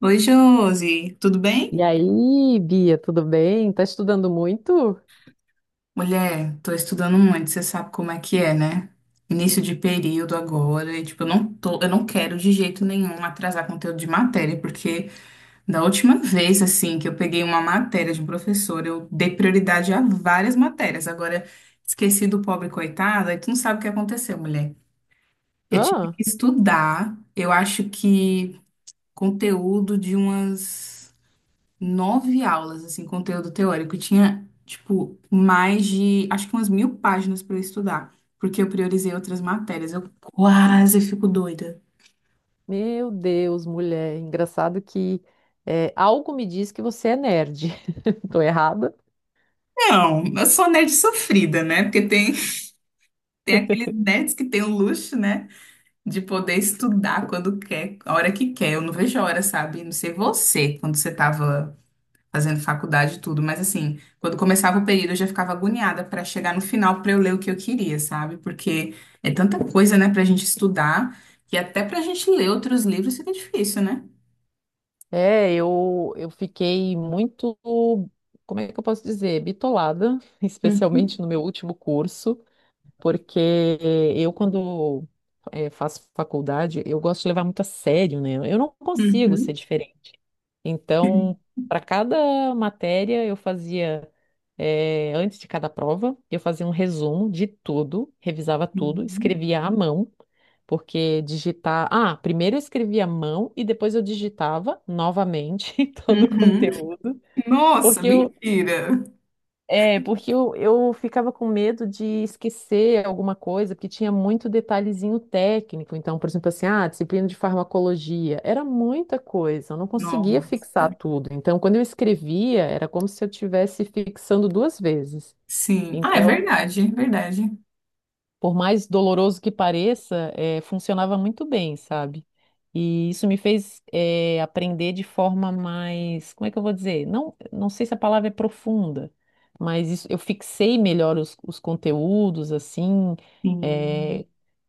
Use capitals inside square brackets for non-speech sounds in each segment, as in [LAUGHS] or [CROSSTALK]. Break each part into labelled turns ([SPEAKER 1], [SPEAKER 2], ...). [SPEAKER 1] Oi, Josi, tudo
[SPEAKER 2] E
[SPEAKER 1] bem?
[SPEAKER 2] aí, Bia, tudo bem? Tá estudando muito?
[SPEAKER 1] Mulher, tô estudando muito, você sabe como é que é, né? Início de período agora, e tipo, eu não quero de jeito nenhum atrasar conteúdo de matéria, porque da última vez, assim, que eu peguei uma matéria de um professor, eu dei prioridade a várias matérias. Agora, esqueci do pobre coitado, aí tu não sabe o que aconteceu, mulher. Eu tive
[SPEAKER 2] Ah,
[SPEAKER 1] que estudar, eu acho que conteúdo de umas. Nove aulas, assim, conteúdo teórico. E tinha, tipo, mais de, acho que umas 1.000 páginas para eu estudar, porque eu priorizei outras matérias. Eu quase fico doida.
[SPEAKER 2] meu Deus, mulher. Engraçado que algo me diz que você é nerd. [LAUGHS] Tô errada?
[SPEAKER 1] Não, eu sou nerd sofrida, né? Porque tem aqueles nerds que têm o luxo, né, de poder estudar quando quer, a hora que quer. Eu não vejo a hora, sabe? Não sei você, quando você tava fazendo faculdade e tudo, mas assim, quando começava o período eu já ficava agoniada para chegar no final para eu ler o que eu queria, sabe? Porque é tanta coisa, né, pra gente estudar, que até pra gente ler outros livros fica difícil, né?
[SPEAKER 2] É, eu fiquei muito, como é que eu posso dizer, bitolada, [LAUGHS]
[SPEAKER 1] Uhum,
[SPEAKER 2] especialmente no meu último curso. Porque quando faço faculdade, eu gosto de levar muito a sério, né? Eu não consigo ser
[SPEAKER 1] uhum,
[SPEAKER 2] diferente. Então, para cada matéria, antes de cada prova, eu fazia um resumo de tudo, revisava tudo,
[SPEAKER 1] uhum,
[SPEAKER 2] escrevia à mão, porque digitar. Ah, primeiro eu escrevia à mão e depois eu digitava novamente [LAUGHS] todo o
[SPEAKER 1] uhum.
[SPEAKER 2] conteúdo,
[SPEAKER 1] Nossa,
[SPEAKER 2] porque eu,
[SPEAKER 1] mentira!
[SPEAKER 2] porque eu ficava com medo de esquecer alguma coisa, porque tinha muito detalhezinho técnico. Então, por exemplo, assim, disciplina de farmacologia, era muita coisa, eu não conseguia fixar
[SPEAKER 1] Nossa.
[SPEAKER 2] tudo. Então, quando eu escrevia, era como se eu estivesse fixando duas vezes.
[SPEAKER 1] Sim. Ah, é
[SPEAKER 2] Então,
[SPEAKER 1] verdade, é verdade.
[SPEAKER 2] por mais doloroso que pareça, funcionava muito bem, sabe? E isso me fez, aprender de forma mais, como é que eu vou dizer? Não, não sei se a palavra é profunda, mas eu fixei melhor os conteúdos, assim,
[SPEAKER 1] Sim.
[SPEAKER 2] eh,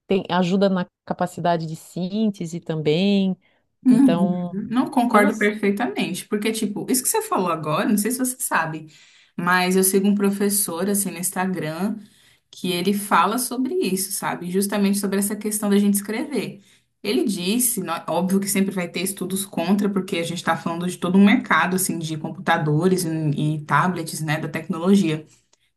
[SPEAKER 2] ajuda na capacidade de síntese também.
[SPEAKER 1] Uhum.
[SPEAKER 2] Então,
[SPEAKER 1] Não
[SPEAKER 2] eu não.
[SPEAKER 1] concordo perfeitamente, porque, tipo, isso que você falou agora, não sei se você sabe, mas eu sigo um professor, assim, no Instagram, que ele fala sobre isso, sabe? Justamente sobre essa questão da gente escrever. Ele disse, óbvio que sempre vai ter estudos contra, porque a gente está falando de todo um mercado, assim, de computadores e tablets, né, da tecnologia.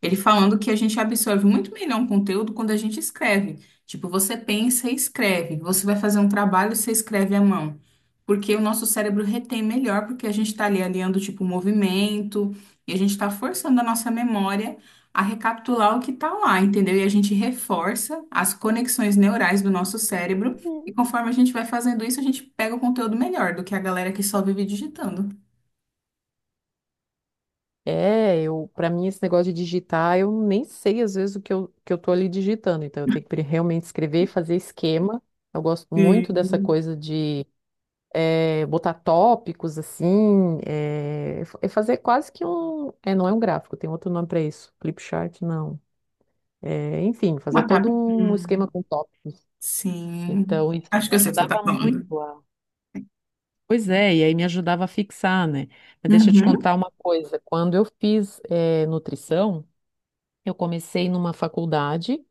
[SPEAKER 1] Ele falando que a gente absorve muito melhor um conteúdo quando a gente escreve. Tipo, você pensa e escreve. Você vai fazer um trabalho, você escreve à mão. Porque o nosso cérebro retém melhor, porque a gente está ali alinhando, tipo, o movimento, e a gente está forçando a nossa memória a recapitular o que está lá, entendeu? E a gente reforça as conexões neurais do nosso cérebro, e conforme a gente vai fazendo isso, a gente pega o conteúdo melhor do que a galera que só vive digitando.
[SPEAKER 2] Para mim esse negócio de digitar, eu nem sei às vezes que eu tô ali digitando, então eu tenho que realmente escrever e fazer esquema. Eu gosto muito dessa
[SPEAKER 1] Hum.
[SPEAKER 2] coisa de botar tópicos assim, é fazer quase que um, não é um gráfico, tem outro nome para isso, flipchart, não. É, enfim, fazer
[SPEAKER 1] Uma
[SPEAKER 2] todo
[SPEAKER 1] tab-
[SPEAKER 2] um esquema
[SPEAKER 1] Hum.
[SPEAKER 2] com tópicos.
[SPEAKER 1] Sim.
[SPEAKER 2] Então isso
[SPEAKER 1] Acho que
[SPEAKER 2] me
[SPEAKER 1] eu sei o que você está
[SPEAKER 2] ajudava muito
[SPEAKER 1] falando.
[SPEAKER 2] a. Pois é, e aí me ajudava a fixar, né? Mas deixa eu te
[SPEAKER 1] Uhum.
[SPEAKER 2] contar uma coisa. Quando eu fiz nutrição, eu comecei numa faculdade,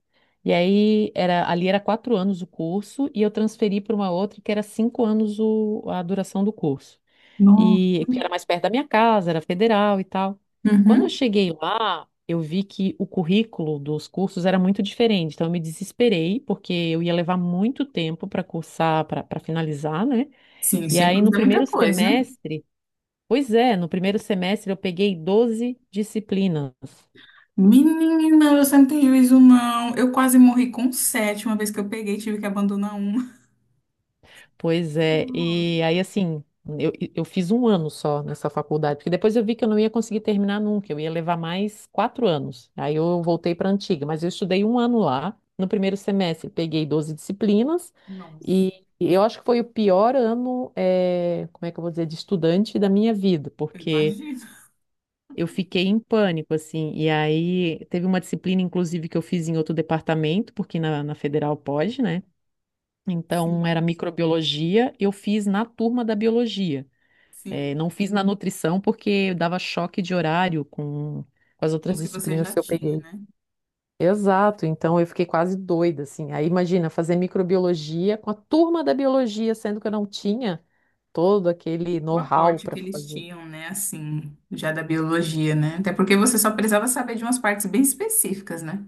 [SPEAKER 2] e aí ali era 4 anos o curso, e eu transferi para uma outra que era 5 anos a duração do curso.
[SPEAKER 1] Nossa.
[SPEAKER 2] E porque era mais perto da minha casa, era federal e tal. Quando eu
[SPEAKER 1] Uhum.
[SPEAKER 2] cheguei lá, eu vi que o currículo dos cursos era muito diferente, então eu me desesperei, porque eu ia levar muito tempo para cursar, para finalizar, né?
[SPEAKER 1] Sim,
[SPEAKER 2] E
[SPEAKER 1] cinco
[SPEAKER 2] aí
[SPEAKER 1] anos
[SPEAKER 2] no
[SPEAKER 1] é muita
[SPEAKER 2] primeiro
[SPEAKER 1] coisa.
[SPEAKER 2] semestre, pois é, no primeiro semestre eu peguei 12 disciplinas.
[SPEAKER 1] Menina, você não tem juízo, não. Eu quase morri com sete uma vez que eu peguei, tive que abandonar uma.
[SPEAKER 2] Pois é, e aí assim, eu fiz um ano só nessa faculdade, porque depois eu vi que eu não ia conseguir terminar nunca, eu ia levar mais 4 anos. Aí eu voltei para a antiga, mas eu estudei um ano lá, no primeiro semestre, peguei 12 disciplinas,
[SPEAKER 1] Nossa,
[SPEAKER 2] e eu acho que foi o pior ano, como é que eu vou dizer, de estudante da minha vida,
[SPEAKER 1] eu
[SPEAKER 2] porque
[SPEAKER 1] imagino.
[SPEAKER 2] eu fiquei em pânico, assim, e aí teve uma disciplina, inclusive, que eu fiz em outro departamento, porque na federal pode, né? Então,
[SPEAKER 1] Sim,
[SPEAKER 2] era microbiologia, eu fiz na turma da biologia.
[SPEAKER 1] sim.
[SPEAKER 2] Não fiz na nutrição porque dava choque de horário com as outras
[SPEAKER 1] Uns que você
[SPEAKER 2] disciplinas
[SPEAKER 1] já
[SPEAKER 2] que eu
[SPEAKER 1] tinha,
[SPEAKER 2] peguei.
[SPEAKER 1] né?
[SPEAKER 2] Exato, então eu fiquei quase doida, assim. Aí imagina fazer microbiologia com a turma da biologia, sendo que eu não tinha todo aquele
[SPEAKER 1] O
[SPEAKER 2] know-how
[SPEAKER 1] aporte
[SPEAKER 2] para
[SPEAKER 1] que eles
[SPEAKER 2] fazer.
[SPEAKER 1] tinham, né? Assim, já da biologia, né? Até porque você só precisava saber de umas partes bem específicas, né?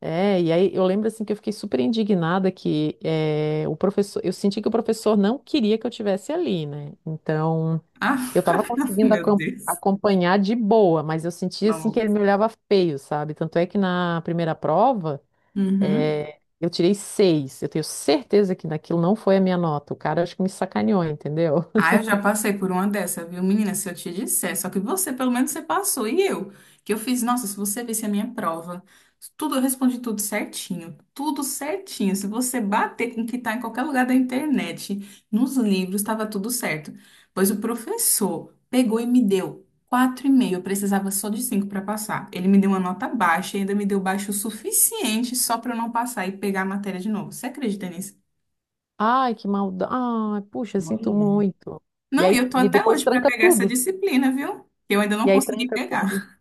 [SPEAKER 2] É, e aí eu lembro assim que eu fiquei super indignada que o professor, eu senti que o professor não queria que eu tivesse ali, né? Então,
[SPEAKER 1] Ah,
[SPEAKER 2] eu estava
[SPEAKER 1] [LAUGHS]
[SPEAKER 2] conseguindo
[SPEAKER 1] meu Deus.
[SPEAKER 2] acompanhar de boa, mas eu sentia assim que
[SPEAKER 1] Não.
[SPEAKER 2] ele me olhava feio, sabe? Tanto é que na primeira prova, eu tirei seis. Eu tenho certeza que naquilo não foi a minha nota. O cara acho que me sacaneou, entendeu?
[SPEAKER 1] Ah, eu já passei por uma dessa, viu, menina? Se eu te disser, só que você, pelo menos, você passou. E eu, que eu fiz, nossa, se você visse a minha prova, tudo, eu respondi tudo certinho, tudo certinho. Se você bater com o que tá em qualquer lugar da internet, nos livros, estava tudo certo. Pois o professor pegou e me deu 4,5, eu precisava só de 5 para passar. Ele me deu uma nota baixa e ainda me deu baixo o suficiente só para eu não passar e pegar a matéria de novo. Você acredita nisso?
[SPEAKER 2] Ai, que maldade. Ai, puxa, sinto
[SPEAKER 1] Olha.
[SPEAKER 2] muito. E
[SPEAKER 1] Não, e
[SPEAKER 2] aí,
[SPEAKER 1] eu tô
[SPEAKER 2] e
[SPEAKER 1] até
[SPEAKER 2] depois
[SPEAKER 1] hoje para
[SPEAKER 2] tranca
[SPEAKER 1] pegar essa
[SPEAKER 2] tudo.
[SPEAKER 1] disciplina, viu? Que eu ainda
[SPEAKER 2] E
[SPEAKER 1] não
[SPEAKER 2] aí
[SPEAKER 1] consegui
[SPEAKER 2] tranca tudo.
[SPEAKER 1] pegar.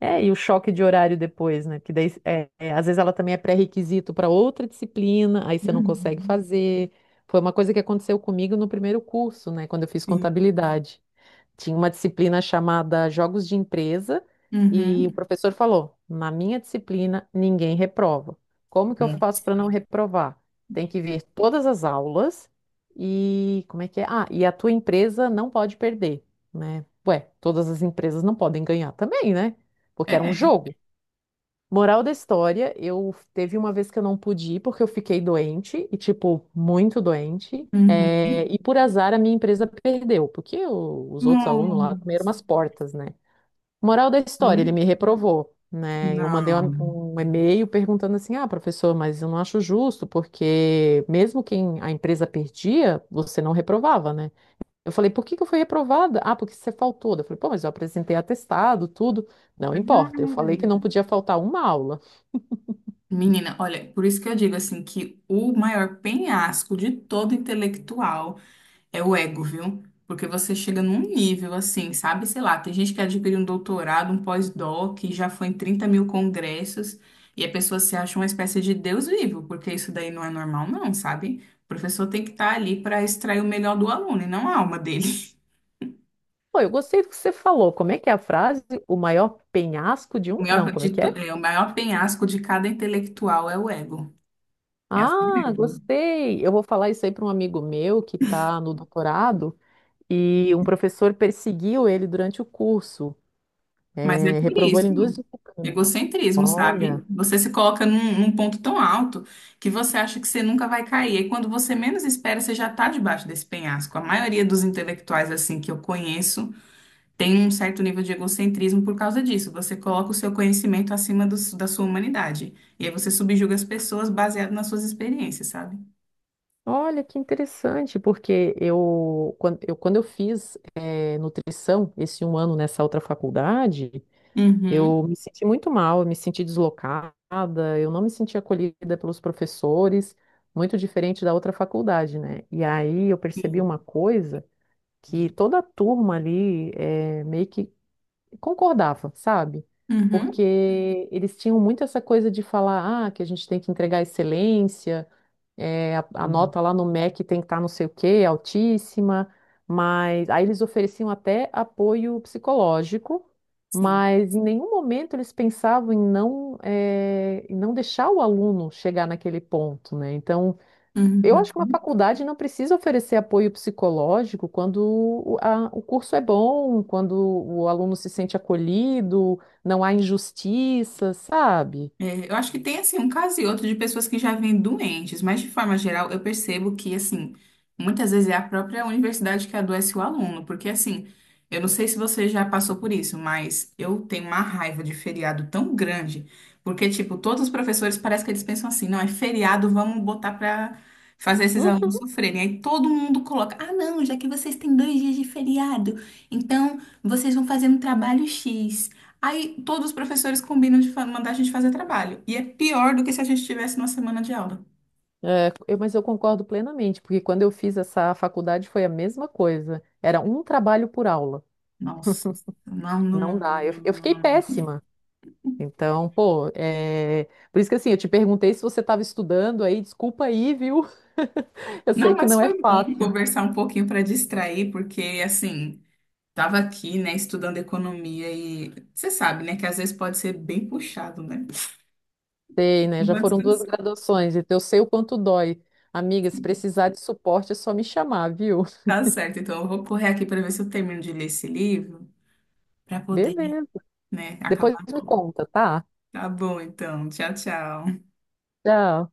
[SPEAKER 2] É, e o choque de horário depois, né? Que daí, às vezes ela também é pré-requisito para outra disciplina, aí você não consegue
[SPEAKER 1] Uhum.
[SPEAKER 2] fazer. Foi uma coisa que aconteceu comigo no primeiro curso, né? Quando eu fiz
[SPEAKER 1] Sim.
[SPEAKER 2] contabilidade. Tinha uma disciplina chamada Jogos de Empresa e o
[SPEAKER 1] Uhum.
[SPEAKER 2] professor falou: na minha disciplina ninguém reprova. Como que eu faço para não reprovar? Tem que ver todas as aulas e como é que é? Ah, e a tua empresa não pode perder, né? Ué, todas as empresas não podem ganhar também, né? Porque era um
[SPEAKER 1] É.
[SPEAKER 2] jogo. Moral da história, eu teve uma vez que eu não pude ir porque eu fiquei doente, e tipo, muito doente. é,
[SPEAKER 1] Uhum.
[SPEAKER 2] e por azar a minha empresa perdeu, porque os outros alunos lá comeram umas
[SPEAKER 1] Nossa.
[SPEAKER 2] portas, né? Moral da história, ele me
[SPEAKER 1] Hum?
[SPEAKER 2] reprovou, né? Eu mandei
[SPEAKER 1] Não.
[SPEAKER 2] um e-mail perguntando assim: ah, professor, mas eu não acho justo, porque mesmo quem a empresa perdia, você não reprovava, né? Eu falei: por que que eu fui reprovada? Ah, porque você faltou. Eu falei: pô, mas eu apresentei atestado, tudo. Não importa, eu falei que não
[SPEAKER 1] Cara.
[SPEAKER 2] podia faltar uma aula.
[SPEAKER 1] Menina, olha, por isso que eu digo assim que o maior penhasco de todo intelectual é o ego, viu? Porque você chega num nível assim, sabe? Sei lá, tem gente que adquiriu um doutorado, um pós-doc, e já foi em 30.000 congressos, e a pessoa se acha uma espécie de Deus vivo, porque isso daí não é normal, não, sabe? O professor tem que estar ali para extrair o melhor do aluno e não a alma dele. [LAUGHS]
[SPEAKER 2] Pô, eu gostei do que você falou. Como é que é a frase? O maior penhasco de
[SPEAKER 1] O
[SPEAKER 2] um.
[SPEAKER 1] maior,
[SPEAKER 2] Não, como é que é?
[SPEAKER 1] é, o maior penhasco de cada intelectual é o ego. É assim
[SPEAKER 2] Ah,
[SPEAKER 1] mesmo.
[SPEAKER 2] gostei. Eu vou falar isso aí para um amigo meu que está no doutorado e um professor perseguiu ele durante o curso.
[SPEAKER 1] Mas é
[SPEAKER 2] É,
[SPEAKER 1] por
[SPEAKER 2] reprovou
[SPEAKER 1] isso,
[SPEAKER 2] ele em duas disciplinas.
[SPEAKER 1] egocentrismo, sabe?
[SPEAKER 2] Olha,
[SPEAKER 1] Você se coloca num ponto tão alto que você acha que você nunca vai cair. E quando você menos espera, você já está debaixo desse penhasco. A maioria dos intelectuais, assim, que eu conheço, tem um certo nível de egocentrismo por causa disso. Você coloca o seu conhecimento acima do da sua humanidade. E aí você subjuga as pessoas baseado nas suas experiências, sabe?
[SPEAKER 2] olha que interessante, porque quando eu fiz nutrição esse um ano nessa outra faculdade.
[SPEAKER 1] Uhum.
[SPEAKER 2] Eu me senti muito mal, eu me senti deslocada, eu não me senti acolhida pelos professores, muito diferente da outra faculdade, né? E aí eu percebi uma
[SPEAKER 1] Sim.
[SPEAKER 2] coisa que toda a turma ali meio que concordava, sabe?
[SPEAKER 1] Uhum.
[SPEAKER 2] Porque eles tinham muito essa coisa de falar, ah, que a gente tem que entregar excelência, a nota lá no MEC tem que estar não sei o quê, altíssima, mas aí eles ofereciam até apoio psicológico,
[SPEAKER 1] Sim.
[SPEAKER 2] mas em nenhum momento eles pensavam em não, em não deixar o aluno chegar naquele ponto, né? Então, eu acho que uma
[SPEAKER 1] Uhum.
[SPEAKER 2] faculdade não precisa oferecer apoio psicológico quando o curso é bom, quando o aluno se sente acolhido, não há injustiça, sabe?
[SPEAKER 1] É, eu acho que tem assim um caso e outro de pessoas que já vêm doentes, mas de forma geral eu percebo que assim muitas vezes é a própria universidade que adoece o aluno, porque assim eu não sei se você já passou por isso, mas eu tenho uma raiva de feriado tão grande, porque tipo todos os professores parece que eles pensam assim, não é feriado, vamos botar pra fazer esses alunos
[SPEAKER 2] Uhum.
[SPEAKER 1] sofrerem. Aí todo mundo coloca, ah não, já que vocês têm 2 dias de feriado, então vocês vão fazer um trabalho X. Aí todos os professores combinam mandar a gente fazer trabalho. E é pior do que se a gente tivesse uma semana de aula.
[SPEAKER 2] É, mas eu concordo plenamente, porque quando eu fiz essa faculdade foi a mesma coisa. Era um trabalho por aula.
[SPEAKER 1] Nossa. Não, não,
[SPEAKER 2] Não
[SPEAKER 1] não,
[SPEAKER 2] dá. Eu,
[SPEAKER 1] não,
[SPEAKER 2] eu
[SPEAKER 1] não,
[SPEAKER 2] fiquei
[SPEAKER 1] não, não.
[SPEAKER 2] péssima. Então, pô, por isso que assim, eu te perguntei se você estava estudando aí, desculpa aí, viu? [LAUGHS] Eu
[SPEAKER 1] Não,
[SPEAKER 2] sei
[SPEAKER 1] não,
[SPEAKER 2] que
[SPEAKER 1] mas
[SPEAKER 2] não é
[SPEAKER 1] foi bom
[SPEAKER 2] fácil.
[SPEAKER 1] conversar um pouquinho para distrair, porque assim, tava aqui, né, estudando economia e você sabe, né, que às vezes pode ser bem puxado, né?
[SPEAKER 2] Sei,
[SPEAKER 1] [LAUGHS]
[SPEAKER 2] né?
[SPEAKER 1] Não
[SPEAKER 2] Já
[SPEAKER 1] vai
[SPEAKER 2] foram duas
[SPEAKER 1] descansar.
[SPEAKER 2] graduações, então eu sei o quanto dói. Amiga, se precisar de suporte é só me chamar, viu? [LAUGHS]
[SPEAKER 1] Tá certo, então eu vou correr aqui para ver se eu termino de ler esse livro para poder,
[SPEAKER 2] Beleza.
[SPEAKER 1] né,
[SPEAKER 2] Depois
[SPEAKER 1] acabar
[SPEAKER 2] me
[SPEAKER 1] logo.
[SPEAKER 2] conta, tá?
[SPEAKER 1] Tá bom, então. Tchau, tchau.
[SPEAKER 2] Tchau.